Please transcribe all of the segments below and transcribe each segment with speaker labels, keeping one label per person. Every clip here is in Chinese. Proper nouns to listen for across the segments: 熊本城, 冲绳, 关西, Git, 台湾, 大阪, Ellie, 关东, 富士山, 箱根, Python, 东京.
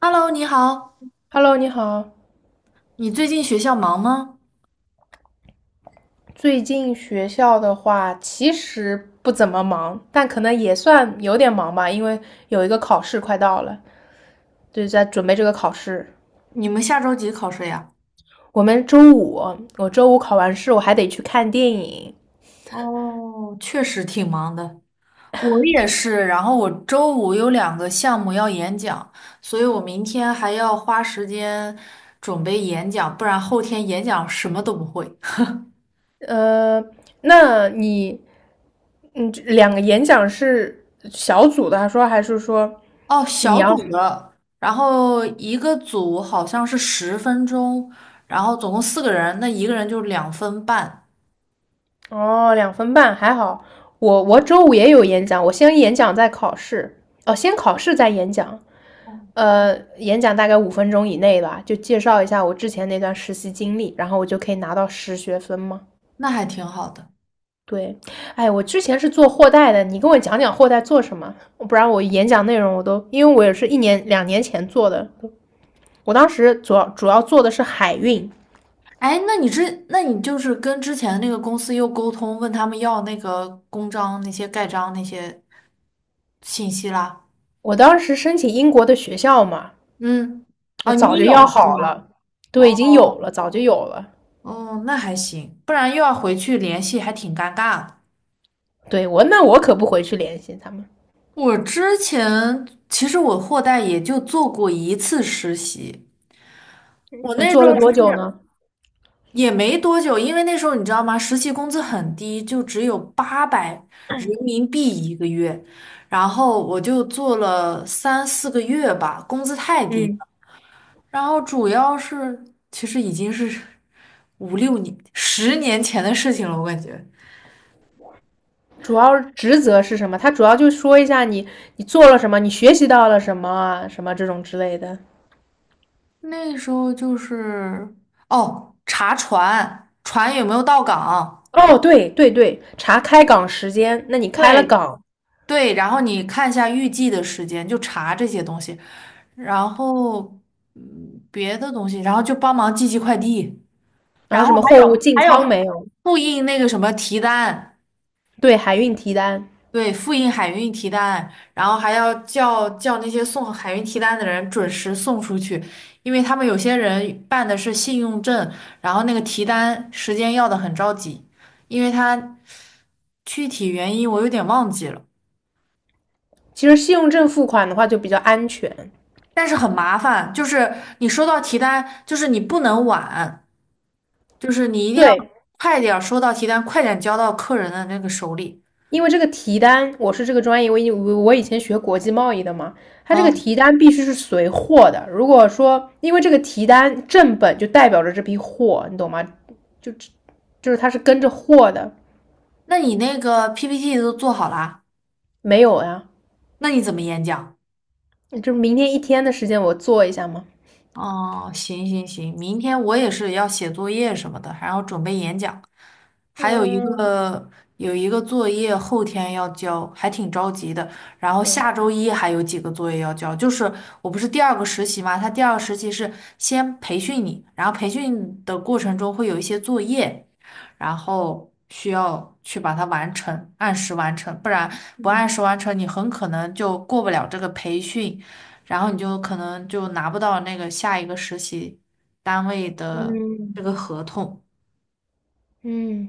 Speaker 1: Hello，你好，
Speaker 2: Hello，你好。
Speaker 1: 你最近学校忙吗？
Speaker 2: 最近学校的话，其实不怎么忙，但可能也算有点忙吧，因为有一个考试快到了，就是在准备这个考试。
Speaker 1: 你们下周几考试呀？
Speaker 2: 我们周五，我周五考完试，我还得去看电影。
Speaker 1: 哦，确实挺忙的，我也是。然后我周五有两个项目要演讲，所以我明天还要花时间准备演讲，不然后天演讲什么都不会。
Speaker 2: 呃，那你，2个演讲是小组的，还说还是说
Speaker 1: 哦，
Speaker 2: 你
Speaker 1: 小
Speaker 2: 要？
Speaker 1: 组的，然后一个组好像是十分钟，然后总共四个人，那一个人就2分半，
Speaker 2: 哦，2分半还好。我周五也有演讲，我先演讲再考试。哦，先考试再演讲。演讲大概5分钟以内吧，就介绍一下我之前那段实习经历，然后我就可以拿到实学分吗？
Speaker 1: 那还挺好的。
Speaker 2: 对。哎，我之前是做货代的，你跟我讲讲货代做什么，不然我演讲内容我都，因为我也是1年2年前做的，我当时主要做的是海运，
Speaker 1: 哎，那你就是跟之前那个公司又沟通，问他们要那个公章、那些盖章那些信息啦。
Speaker 2: 我当时申请英国的学校嘛，
Speaker 1: 嗯，
Speaker 2: 我
Speaker 1: 啊，
Speaker 2: 早
Speaker 1: 你
Speaker 2: 就要
Speaker 1: 有是
Speaker 2: 好
Speaker 1: 吗？
Speaker 2: 了，对，已经
Speaker 1: 哦
Speaker 2: 有了，早就有了。
Speaker 1: 哦，那还行，不然又要回去联系，还挺尴尬的。
Speaker 2: 对,那我可不回去联系他们，
Speaker 1: 我之前其实我货代也就做过一次实习，我那时
Speaker 2: 做
Speaker 1: 候
Speaker 2: 了多久
Speaker 1: 是
Speaker 2: 呢？
Speaker 1: 也没多久，因为那时候你知道吗？实习工资很低，就只有800人民币一个月，然后我就做了3、4个月吧，工资太低
Speaker 2: 嗯，
Speaker 1: 了。然后主要是，其实已经是5、6年、10年前的事情了，我感觉
Speaker 2: 主要职责是什么？他主要就说一下你做了什么，你学习到了什么啊，什么这种之类的。
Speaker 1: 那时候就是哦，查船，船有没有到港，
Speaker 2: 哦，对对对，查开港时间，那你开了
Speaker 1: 对
Speaker 2: 港，
Speaker 1: 对，然后你看一下预计的时间，就查这些东西。然后别的东西，然后就帮忙寄寄快递，
Speaker 2: 然
Speaker 1: 然
Speaker 2: 后
Speaker 1: 后
Speaker 2: 什么
Speaker 1: 还
Speaker 2: 货物
Speaker 1: 有
Speaker 2: 进
Speaker 1: 还
Speaker 2: 仓
Speaker 1: 有
Speaker 2: 没有？
Speaker 1: 复印那个什么提单，
Speaker 2: 对，海运提单。
Speaker 1: 对，复印海运提单，然后还要叫那些送海运提单的人准时送出去，因为他们有些人办的是信用证，然后那个提单时间要的很着急，因为他具体原因我有点忘记了。
Speaker 2: 其实信用证付款的话就比较安全，
Speaker 1: 但是很麻烦，就是你收到提单，就是你不能晚，就是你一定要
Speaker 2: 对，
Speaker 1: 快点儿收到提单，快点交到客人的那个手里。
Speaker 2: 因为这个提单，我是这个专业，我以前学国际贸易的嘛，它这个
Speaker 1: 嗯，
Speaker 2: 提单必须是随货的。如果说因为这个提单正本就代表着这批货，你懂吗？就就是它是跟着货的，
Speaker 1: 那你那个 PPT 都做好啦？
Speaker 2: 没有呀，
Speaker 1: 那你怎么演讲？
Speaker 2: 就是明天一天的时间我做一下吗？
Speaker 1: 哦，行行行，明天我也是要写作业什么的，还要准备演讲。还有一
Speaker 2: 嗯，
Speaker 1: 个有一个作业后天要交，还挺着急的。然后
Speaker 2: 对，
Speaker 1: 下周一还有几个作业要交，就是我不是第二个实习嘛，他第二个实习是先培训你，然后培训的过程中会有一些作业，然后需要去把它完成，按时完成，不然不按
Speaker 2: 嗯
Speaker 1: 时完成，你很可能就过不了这个培训，然后你就可能就拿不到那个下一个实习单位的这个合同。
Speaker 2: 嗯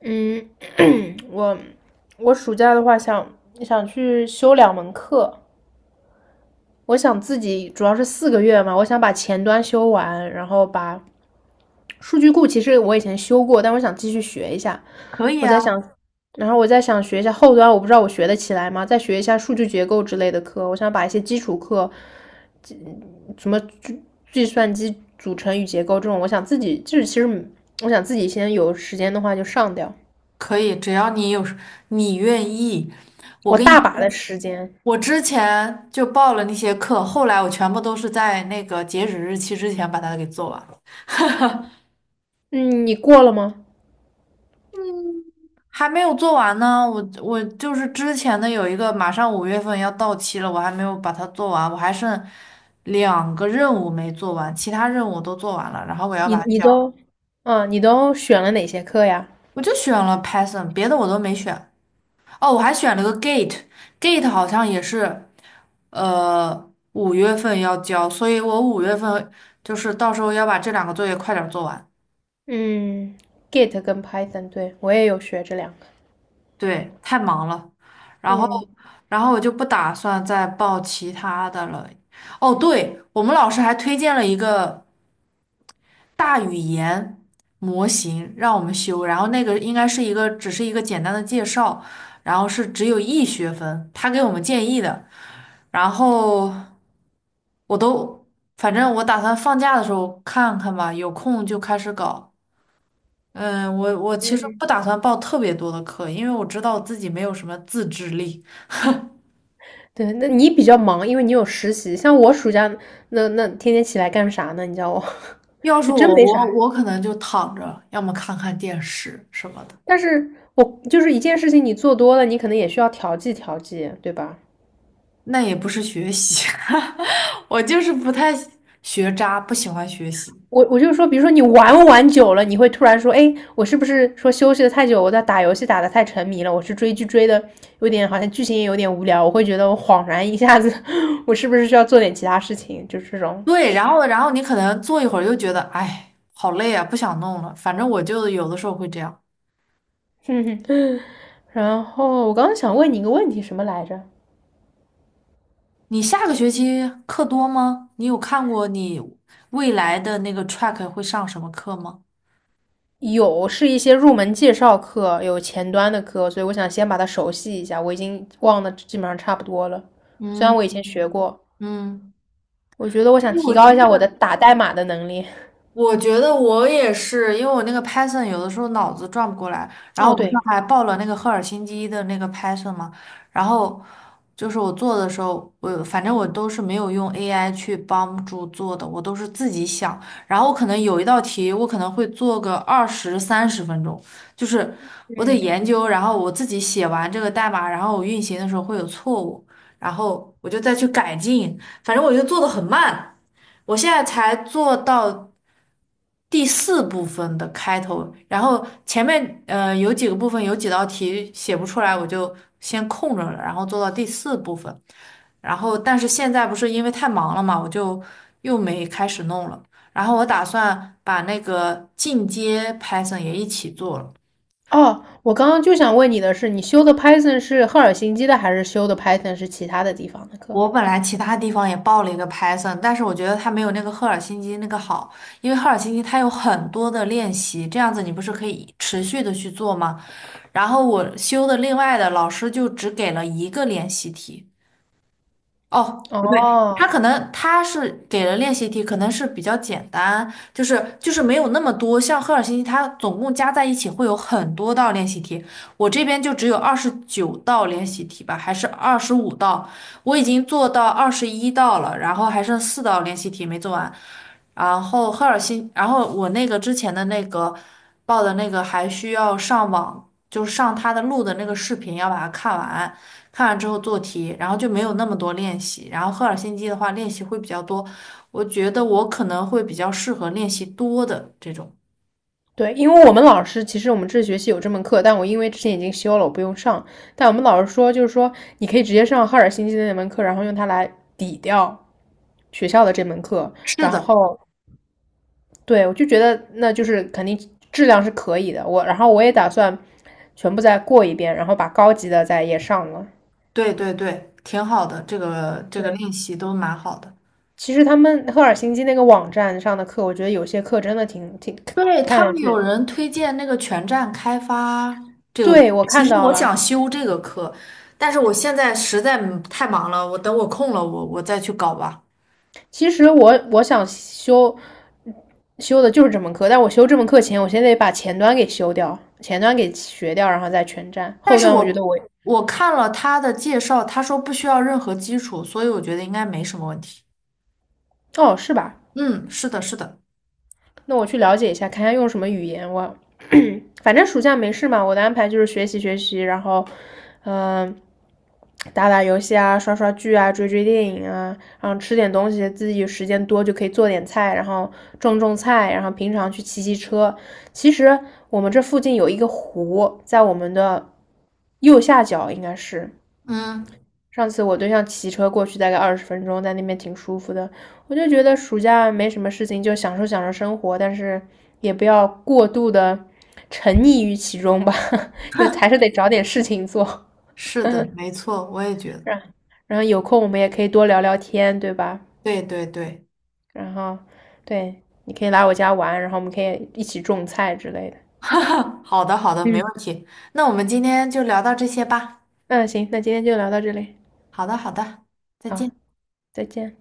Speaker 2: 嗯，我我暑假的话想去修2门课，我想自己主要是4个月嘛，我想把前端修完，然后把数据库其实我以前修过，但我想继续学一下。
Speaker 1: 可以
Speaker 2: 我在想，
Speaker 1: 啊。
Speaker 2: 然后我在想学一下后端，我不知道我学得起来吗？再学一下数据结构之类的课，我想把一些基础课什么计算机组成与结构这种，我想自己就是其实我想自己先有时间的话就上掉，
Speaker 1: 可以，只要你有时你愿意。我
Speaker 2: 我
Speaker 1: 跟你
Speaker 2: 大把的
Speaker 1: 说，
Speaker 2: 时间。
Speaker 1: 我之前就报了那些课，后来我全部都是在那个截止日期之前把它给做完了。
Speaker 2: 嗯，你过了吗？
Speaker 1: 还没有做完呢。我就是之前的有一个马上五月份要到期了，我还没有把它做完，我还剩两个任务没做完，其他任务我都做完了，然后我要
Speaker 2: 你
Speaker 1: 把它
Speaker 2: 你
Speaker 1: 交。
Speaker 2: 都，啊，你都选了哪些课呀？
Speaker 1: 我就选了 Python，别的我都没选。哦，我还选了个 Gate，Gate 好像也是。五月份要交，所以我五月份就是到时候要把这两个作业快点儿做完。
Speaker 2: 嗯，Git 跟 Python,对，我也有学这两个。
Speaker 1: 对，太忙了，然后，
Speaker 2: 嗯
Speaker 1: 然后我就不打算再报其他的了。哦，对，我们老师还推荐了一个大语言模型让我们修，然后那个应该是一个只是一个简单的介绍，然后是只有一学分，他给我们建议的，然后我都，反正我打算放假的时候看看吧，有空就开始搞。嗯，我其实
Speaker 2: 嗯，
Speaker 1: 不打算报特别多的课，因为我知道自己没有什么自制力。
Speaker 2: 对，那你比较忙，因为你有实习。像我暑假那天天起来干啥呢？你叫我，
Speaker 1: 要 是
Speaker 2: 就真
Speaker 1: 我，
Speaker 2: 没
Speaker 1: 我
Speaker 2: 啥。
Speaker 1: 我可能就躺着，要么看看电视什么的。
Speaker 2: 但是我就是一件事情，你做多了，你可能也需要调剂调剂，对吧？
Speaker 1: 那也不是学习，我就是不太喜学渣，不喜欢学习。
Speaker 2: 我就说，比如说你玩玩久了，你会突然说，哎，我是不是说休息的太久，我在打游戏打的太沉迷了，我是追剧追的有点好像剧情也有点无聊，我会觉得我恍然一下子，我是不是需要做点其他事情？就是这种。
Speaker 1: 对，然后你可能坐一会儿又觉得，哎，好累啊，不想弄了。反正我就有的时候会这样。
Speaker 2: 嗯，然后我刚刚想问你一个问题，什么来着？
Speaker 1: 你下个学期课多吗？你有看过你未来的那个 track 会上什么课吗？
Speaker 2: 有是一些入门介绍课，有前端的课，所以我想先把它熟悉一下。我已经忘的基本上差不多了，虽然
Speaker 1: 嗯
Speaker 2: 我以前学过，
Speaker 1: 嗯。
Speaker 2: 我觉得我
Speaker 1: 其
Speaker 2: 想
Speaker 1: 实
Speaker 2: 提
Speaker 1: 我觉
Speaker 2: 高一下我
Speaker 1: 得。
Speaker 2: 的打代码的能力。
Speaker 1: 我觉得我也是，因为我那个 Python 有的时候脑子转不过来，然后
Speaker 2: 哦，
Speaker 1: 我不是
Speaker 2: 对，
Speaker 1: 还报了那个赫尔辛基的那个 Python 嘛，然后就是我做的时候，我反正我都是没有用 AI 去帮助做的，我都是自己想，然后可能有一道题我可能会做个20、30分钟，就是我得
Speaker 2: 嗯，
Speaker 1: 研究，然后我自己写完这个代码，然后我运行的时候会有错误，然后我就再去改进，反正我就做的很慢。我现在才做到第四部分的开头，然后前面有几个部分有几道题写不出来，我就先空着了，然后做到第四部分，然后但是现在不是因为太忙了嘛，我就又没开始弄了，然后我打算把那个进阶 Python 也一起做了。
Speaker 2: 哦，我刚刚就想问你的是，你修的 Python 是赫尔辛基的，还是修的 Python 是其他的地方的课？
Speaker 1: 我本来其他地方也报了一个 Python，但是我觉得它没有那个赫尔辛基那个好，因为赫尔辛基它有很多的练习，这样子你不是可以持续的去做吗？然后我修的另外的老师就只给了一个练习题，哦，不对，他
Speaker 2: 哦，
Speaker 1: 可能他是给了练习题，可能是比较简单，就是没有那么多。像赫尔辛基，它总共加在一起会有很多道练习题，我这边就只有29道练习题吧，还是25道，我已经做到21道了，然后还剩四道练习题没做完。然后我那个之前的那个报的那个还需要上网就是上他的录的那个视频，要把它看完，看完之后做题，然后就没有那么多练习。然后赫尔辛基的话，练习会比较多，我觉得我可能会比较适合练习多的这种。
Speaker 2: 对，因为我们老师其实我们这学期有这门课，但我因为之前已经修了，我不用上。但我们老师说，就是说你可以直接上赫尔辛基的那门课，然后用它来抵掉学校的这门课。
Speaker 1: 是
Speaker 2: 然
Speaker 1: 的，
Speaker 2: 后，对，我就觉得那就是肯定质量是可以的。我，然后我也打算全部再过一遍，然后把高级的再也上了。
Speaker 1: 对对对，挺好的，这个
Speaker 2: 对。
Speaker 1: 练习都蛮好的。
Speaker 2: 其实他们赫尔辛基那个网站上的课，我觉得有些课真的挺
Speaker 1: 对，
Speaker 2: 看
Speaker 1: 他们
Speaker 2: 上
Speaker 1: 有
Speaker 2: 去，
Speaker 1: 人推荐那个全站开发这个课，
Speaker 2: 对，我
Speaker 1: 其
Speaker 2: 看
Speaker 1: 实
Speaker 2: 到
Speaker 1: 我想
Speaker 2: 了。
Speaker 1: 修这个课，但是我现在实在太忙了，我等我空了，我再去搞吧。
Speaker 2: 其实我想修的就是这门课，但我修这门课前，我先得把前端给修掉，前端给学掉，然后再全站。
Speaker 1: 但
Speaker 2: 后
Speaker 1: 是
Speaker 2: 端我觉得
Speaker 1: 我
Speaker 2: 我，
Speaker 1: 我看了他的介绍，他说不需要任何基础，所以我觉得应该没什么问题。
Speaker 2: 哦，是吧？
Speaker 1: 嗯，是的，是的，
Speaker 2: 那我去了解一下，看一下用什么语言，我反正暑假没事嘛，我的安排就是学习学习，然后，嗯、呃打打游戏啊，刷刷剧啊，追追电影啊，然后吃点东西，自己时间多就可以做点菜，然后种种菜，然后平常去骑骑车。其实我们这附近有一个湖，在我们的右下角应该是，
Speaker 1: 嗯，
Speaker 2: 上次我对象骑车过去大概20分钟，在那边挺舒服的。我就觉得暑假没什么事情，就享受享受生活，但是也不要过度的沉溺于其中吧，就还是得找点事情做。
Speaker 1: 是的，没错，我也觉得，
Speaker 2: 然然后有空我们也可以多聊聊天，对吧？
Speaker 1: 对对对，
Speaker 2: 然后对，你可以来我家玩，然后我们可以一起种菜之类的。
Speaker 1: 好的好的，没问
Speaker 2: 嗯，
Speaker 1: 题。那我们今天就聊到这些吧。
Speaker 2: 嗯，行，那今天就聊到这里，
Speaker 1: 好的好的，再见。
Speaker 2: 好，再见。